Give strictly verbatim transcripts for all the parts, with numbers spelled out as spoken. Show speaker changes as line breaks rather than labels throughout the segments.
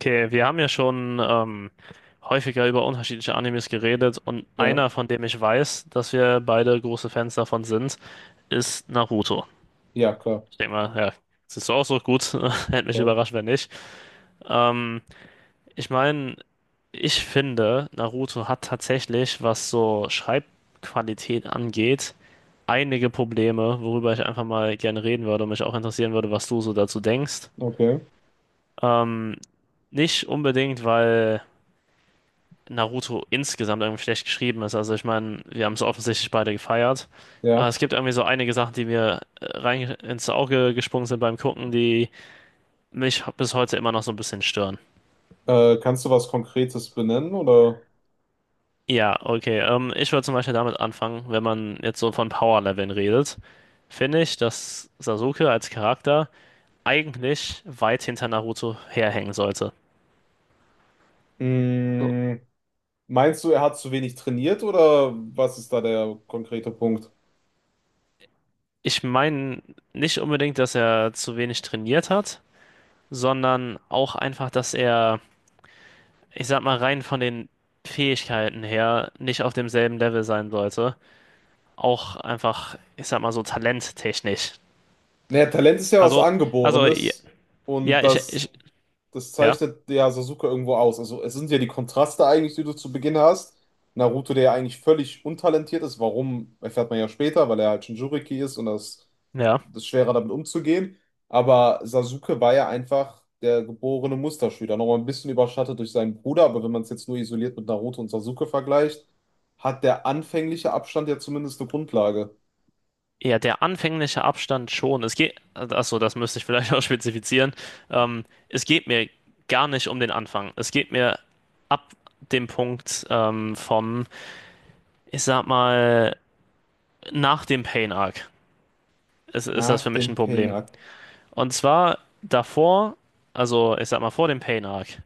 Okay, wir haben ja schon ähm, häufiger über unterschiedliche Animes geredet und
Ja,
einer, von dem ich weiß, dass wir beide große Fans davon sind, ist Naruto.
ja, klar.
Ich denke mal, ja, siehst du auch so gut. Hätte mich
Ja,
überrascht, wenn nicht. Ähm, ich meine, ich finde, Naruto hat tatsächlich, was so Schreibqualität angeht, einige Probleme, worüber ich einfach mal gerne reden würde und mich auch interessieren würde, was du so dazu denkst.
okay,
Ähm, nicht unbedingt, weil Naruto insgesamt irgendwie schlecht geschrieben ist. Also ich meine, wir haben es offensichtlich beide gefeiert. Aber
ja.
es gibt irgendwie so einige Sachen, die mir äh, rein ins Auge gesprungen sind beim Gucken, die mich bis heute immer noch so ein bisschen stören.
Äh, kannst du was Konkretes benennen oder
Ja, okay. Ähm, ich würde zum Beispiel damit anfangen, wenn man jetzt so von Power-Leveln redet, finde ich, dass Sasuke als Charakter eigentlich weit hinter Naruto herhängen sollte. So.
mm, meinst du, er hat zu wenig trainiert oder was ist da der konkrete Punkt?
Ich meine nicht unbedingt, dass er zu wenig trainiert hat, sondern auch einfach, dass er, ich sag mal, rein von den Fähigkeiten her nicht auf demselben Level sein sollte. Auch einfach, ich sag mal so talenttechnisch.
Naja, Talent ist ja was
Also, also, ja,
Angeborenes und
ja, ich,
das,
ich,
das
ja,
zeichnet ja Sasuke irgendwo aus. Also es sind ja die Kontraste eigentlich, die du zu Beginn hast. Naruto, der ja eigentlich völlig untalentiert ist, warum, erfährt man ja später, weil er halt Jinchuriki ist und das,
ja.
das ist schwerer damit umzugehen. Aber Sasuke war ja einfach der geborene Musterschüler. Nochmal ein bisschen überschattet durch seinen Bruder, aber wenn man es jetzt nur isoliert mit Naruto und Sasuke vergleicht, hat der anfängliche Abstand ja zumindest eine Grundlage.
Ja, der anfängliche Abstand schon. Es geht, achso, das müsste ich vielleicht auch spezifizieren. Ähm, es geht mir gar nicht um den Anfang. Es geht mir ab dem Punkt, ähm, vom, ich sag mal, nach dem Pain Arc ist, ist das
Nach
für mich ein
dem
Problem.
Pain-Arc.
Und zwar davor, also ich sag mal vor dem Pain-Arc,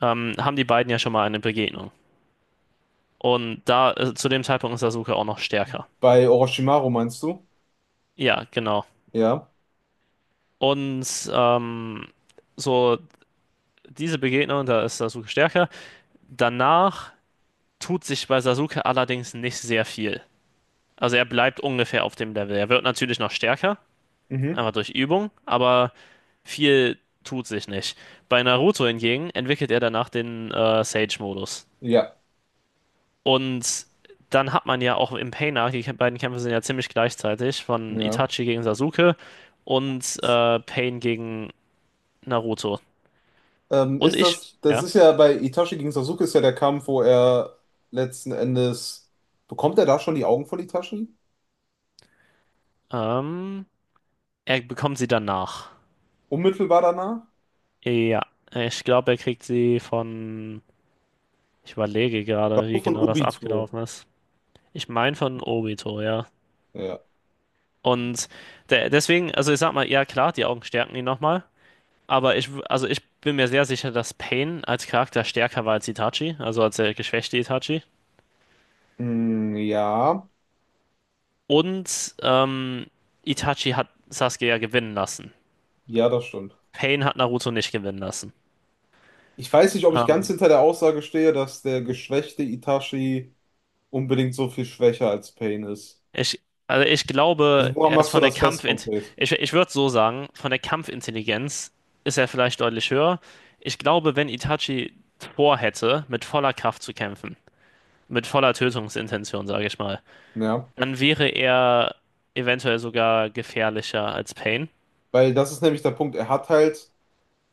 ähm, haben die beiden ja schon mal eine Begegnung. Und da, äh, zu dem Zeitpunkt ist Sasuke auch noch stärker.
Bei Orochimaru meinst du?
Ja, genau.
Ja.
Und ähm, so diese Begegnung, da ist Sasuke stärker. Danach tut sich bei Sasuke allerdings nicht sehr viel. Also er bleibt ungefähr auf dem Level. Er wird natürlich noch stärker,
Mhm.
einfach durch Übung, aber viel tut sich nicht. Bei Naruto hingegen entwickelt er danach den äh, Sage-Modus.
Ja,
Und dann hat man ja auch im Pain Arc, die beiden Kämpfe sind ja ziemlich gleichzeitig, von
ja.
Itachi gegen Sasuke und äh, Pain gegen Naruto.
Ähm,
Und
ist
ich,
das, das
ja,
ist ja bei Itachi gegen Sasuke ist ja der Kampf, wo er letzten Endes, bekommt er da schon die Augen von Itachi?
ähm, er bekommt sie danach.
Unmittelbar danach?
Ja, ich glaube, er kriegt sie von, ich überlege gerade, wie
Von
genau das
Obito.
abgelaufen ist. Ich meine von Obito, ja.
Ja.
Und de deswegen, also ich sag mal, ja klar, die Augen stärken ihn nochmal. Aber ich, w- also ich bin mir sehr sicher, dass Pain als Charakter stärker war als Itachi, also als der geschwächte Itachi.
Mm, ja,
Und ähm, Itachi hat Sasuke ja gewinnen lassen.
ja, das stimmt.
Pain hat Naruto nicht gewinnen lassen.
Ich weiß nicht, ob ich ganz
Ähm,
hinter der Aussage stehe, dass der geschwächte Itachi unbedingt so viel schwächer als Pain ist.
ich, also ich
Also
glaube,
woran
er ist
machst du
von der
das fest
Kampfint,
konkret?
ich, ich würde so sagen, von der Kampfintelligenz ist er vielleicht deutlich höher. Ich glaube, wenn Itachi vorhätte, mit voller Kraft zu kämpfen, mit voller Tötungsintention, sage ich mal,
Ja.
dann wäre er eventuell sogar gefährlicher als Pain.
Weil das ist nämlich der Punkt, er hat halt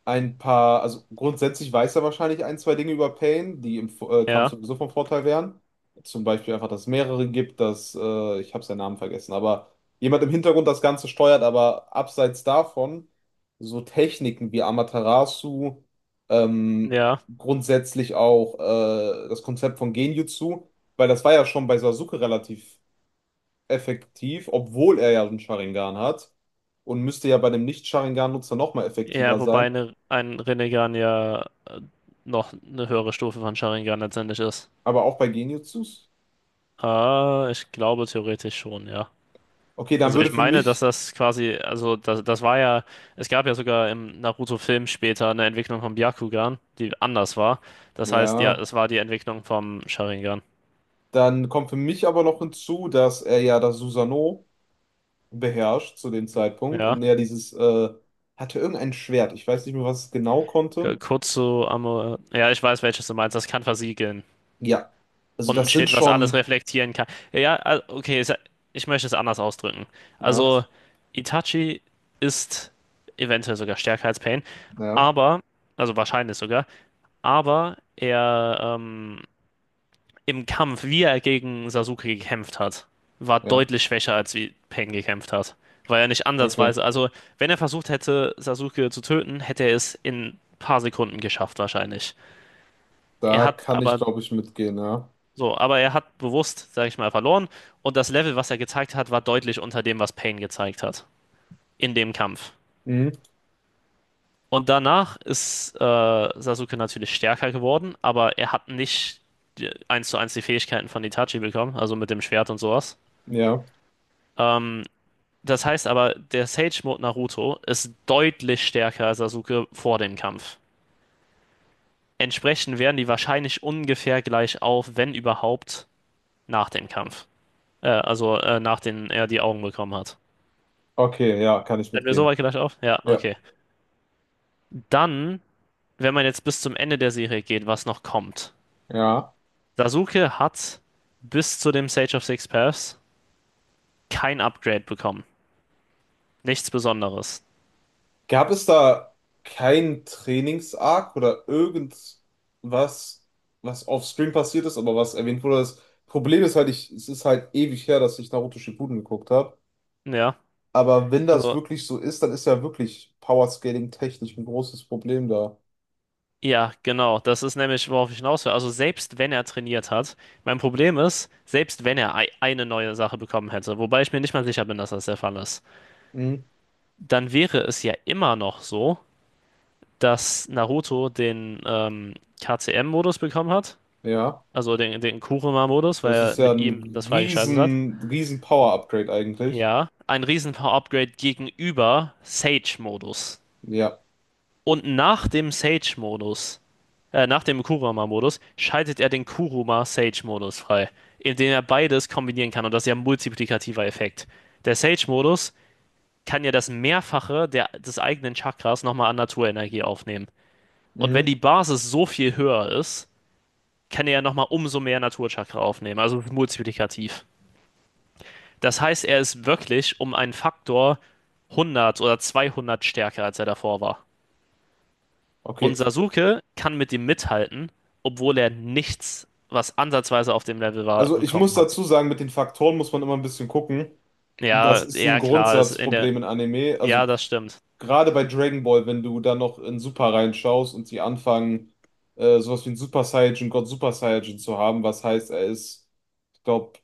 ein paar, also grundsätzlich weiß er wahrscheinlich ein, zwei Dinge über Pain, die im Vo- äh, Kampf
Ja,
sowieso von Vorteil wären. Zum Beispiel einfach, dass es mehrere gibt, dass, äh, ich habe seinen Namen vergessen, aber jemand im Hintergrund das Ganze steuert, aber abseits davon so Techniken wie Amaterasu, ähm,
ja.
grundsätzlich auch äh, das Konzept von Genjutsu, weil das war ja schon bei Sasuke relativ effektiv, obwohl er ja einen Sharingan hat und müsste ja bei dem Nicht-Sharingan-Nutzer nochmal
Ja,
effektiver
wobei
sein.
eine, ein Rinnegan ja noch eine höhere Stufe von Sharingan letztendlich ist.
Aber auch bei Genjutsus?
Ah, ich glaube theoretisch schon, ja.
Okay, dann
Also
würde
ich
für
meine, dass
mich,
das quasi, also das, das war ja, es gab ja sogar im Naruto-Film später eine Entwicklung vom Byakugan, die anders war. Das heißt, ja,
ja,
es war die Entwicklung vom Sharingan.
dann kommt für mich aber noch hinzu, dass er ja das Susanoo beherrscht zu dem Zeitpunkt
Ja,
und er dieses, äh, hatte irgendein Schwert. Ich weiß nicht mehr, was es genau
k-
konnte.
kurz zu Amor, ja, ich weiß, welches du meinst, das kann versiegeln.
Ja, also
Und ein
das sind
Schild, was alles
schon,
reflektieren kann. Ja, ah, okay, es- ich möchte es anders ausdrücken.
ja,
Also, Itachi ist eventuell sogar stärker als Pain,
ja,
aber, also wahrscheinlich sogar, aber er, ähm, im Kampf, wie er gegen Sasuke gekämpft hat, war
ja,
deutlich schwächer, als wie Pain gekämpft hat. Weil er nicht
okay.
ansatzweise, also wenn er versucht hätte, Sasuke zu töten, hätte er es in ein paar Sekunden geschafft, wahrscheinlich. Er
Da
hat
kann ich,
aber
glaube ich, mitgehen, ja.
So, aber er hat bewusst, sag ich mal, verloren. Und das Level, was er gezeigt hat, war deutlich unter dem, was Pain gezeigt hat. In dem Kampf.
Mhm.
Und danach ist äh, Sasuke natürlich stärker geworden, aber er hat nicht die- eins zu eins die Fähigkeiten von Itachi bekommen, also mit dem Schwert und sowas.
Ja,
Ähm, das heißt aber, der Sage-Mode Naruto ist deutlich stärker als Sasuke vor dem Kampf. Entsprechend wären die wahrscheinlich ungefähr gleich auf, wenn überhaupt, nach dem Kampf. Äh, also äh, nachdem er die Augen bekommen hat.
okay, ja, kann ich
Sind wir so
mitgehen.
weit gleich auf? Ja,
Ja,
okay. Dann, wenn man jetzt bis zum Ende der Serie geht, was noch kommt.
ja.
Sasuke hat bis zu dem Sage of Six Paths kein Upgrade bekommen. Nichts Besonderes.
Gab es da keinen Trainings-Arc oder irgendwas, was offscreen passiert ist, aber was erwähnt wurde? Das Problem ist halt, ich, es ist halt ewig her, dass ich Naruto Shippuden geguckt habe.
Ja,
Aber wenn das
also,
wirklich so ist, dann ist ja wirklich Powerscaling technisch ein großes Problem da.
ja, genau. Das ist nämlich, worauf ich hinaus will. Also, selbst wenn er trainiert hat, mein Problem ist, selbst wenn er ei- eine neue Sache bekommen hätte, wobei ich mir nicht mal sicher bin, dass das der Fall ist,
Mhm.
dann wäre es ja immer noch so, dass Naruto den, ähm, K C M-Modus bekommen hat.
Ja,
Also den, den Kuruma-Modus, weil
das
er
ist ja
mit ihm
ein
das freigeschaltet hat.
riesen, riesen Power-Upgrade eigentlich.
Ja. Ein Riesen-Power-Upgrade gegenüber Sage-Modus.
Ja.
Und nach dem Sage-Modus, äh, nach dem Kuruma-Modus, schaltet er den Kuruma-Sage-Modus frei, indem er beides kombinieren kann. Und das ist ja ein multiplikativer Effekt. Der Sage-Modus kann ja das Mehrfache der, des eigenen Chakras nochmal an Naturenergie aufnehmen. Und wenn
Mhm.
die Basis so viel höher ist, kann er ja nochmal umso mehr Naturchakra aufnehmen. Also multiplikativ. Das heißt, er ist wirklich um einen Faktor hundert oder zweihundert stärker, als er davor war. Und
Okay.
Sasuke kann mit ihm mithalten, obwohl er nichts, was ansatzweise auf dem Level war,
Also ich muss
bekommen hat.
dazu sagen, mit den Faktoren muss man immer ein bisschen gucken. Das
Ja,
ist ein
ja, klar, ist in der.
Grundsatzproblem in Anime. Also
Ja, das stimmt.
gerade bei Dragon Ball, wenn du da noch in Super reinschaust und sie anfangen, äh, sowas wie einen Super Saiyajin, Gott Super Saiyajin zu haben, was heißt, er ist, ich glaube,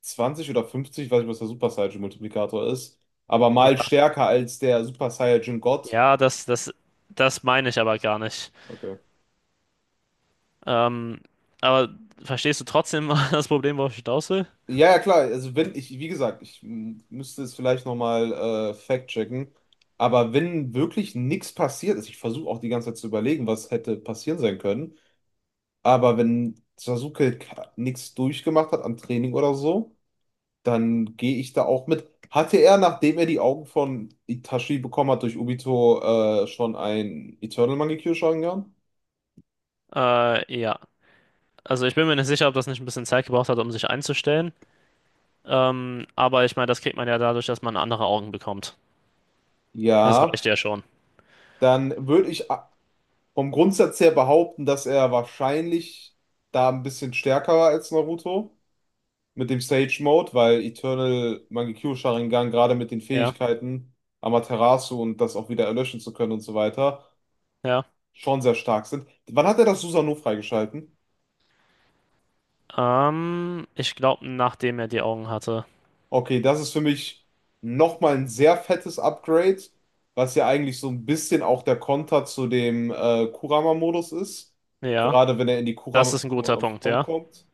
zwanzig oder fünfzig, weiß nicht, was der Super Saiyajin-Multiplikator ist, aber
Ja,
mal stärker als der Super Saiyajin Gott.
ja, das, das, das meine ich aber gar nicht.
Okay.
Ähm, aber verstehst du trotzdem das Problem, worauf ich hinaus will?
Ja, ja, klar. Also wenn ich, wie gesagt, ich m, müsste es vielleicht nochmal äh, fact-checken. Aber wenn wirklich nichts passiert ist, ich versuche auch die ganze Zeit zu überlegen, was hätte passieren sein können. Aber wenn Sasuke nichts durchgemacht hat am Training oder so, dann gehe ich da auch mit. Hatte er, nachdem er die Augen von Itachi bekommen hat durch Obito, äh, schon ein Eternal Mangekyo Sharingan?
Äh, ja. Also ich bin mir nicht sicher, ob das nicht ein bisschen Zeit gebraucht hat, um sich einzustellen. Ähm, aber ich meine, das kriegt man ja dadurch, dass man andere Augen bekommt. Das
Ja,
reicht ja schon.
dann würde ich a- vom Grundsatz her behaupten, dass er wahrscheinlich da ein bisschen stärker war als Naruto mit dem Sage Mode, weil Eternal Mangekyo Sharingan gerade mit den
Ja,
Fähigkeiten Amaterasu und das auch wieder erlöschen zu können und so weiter
ja.
schon sehr stark sind. Wann hat er das Susanoo freigeschalten?
Ähm, ich glaube, nachdem er die Augen hatte.
Okay, das ist für mich nochmal ein sehr fettes Upgrade, was ja eigentlich so ein bisschen auch der Konter zu dem äh, Kurama-Modus ist.
Ja,
Gerade wenn er in die
das
Kurama
ist ein guter Punkt,
Kurama-Form
ja.
kommt.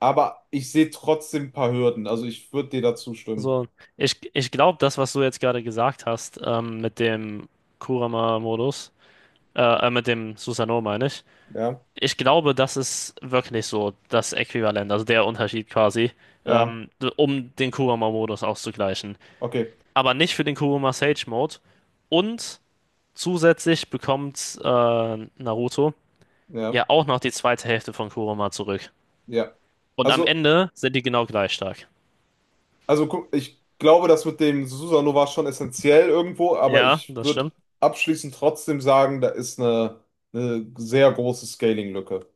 Aber ich sehe trotzdem ein paar Hürden. Also ich würde dir dazu stimmen.
So, ich, ich glaube, das, was du jetzt gerade gesagt hast, ähm, mit dem Kurama-Modus, äh, äh, mit dem Susanoo meine ich,
Ja,
ich glaube, das ist wirklich so das Äquivalent, also der Unterschied quasi,
ja,
ähm, d- um den Kurama-Modus auszugleichen.
okay,
Aber nicht für den Kurama-Sage-Mode und zusätzlich bekommt äh, Naruto
ja,
ja auch noch die zweite Hälfte von Kurama zurück.
ja.
Und am
Also.
Ende sind die genau gleich stark.
Also guck, ich glaube, das mit dem Susanoo war schon essentiell irgendwo, aber
Ja,
ich
das
würde
stimmt.
abschließend trotzdem sagen, da ist eine, eine sehr große Scaling-Lücke.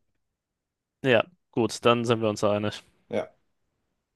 Ja, gut, dann sind wir uns einig.
Ja.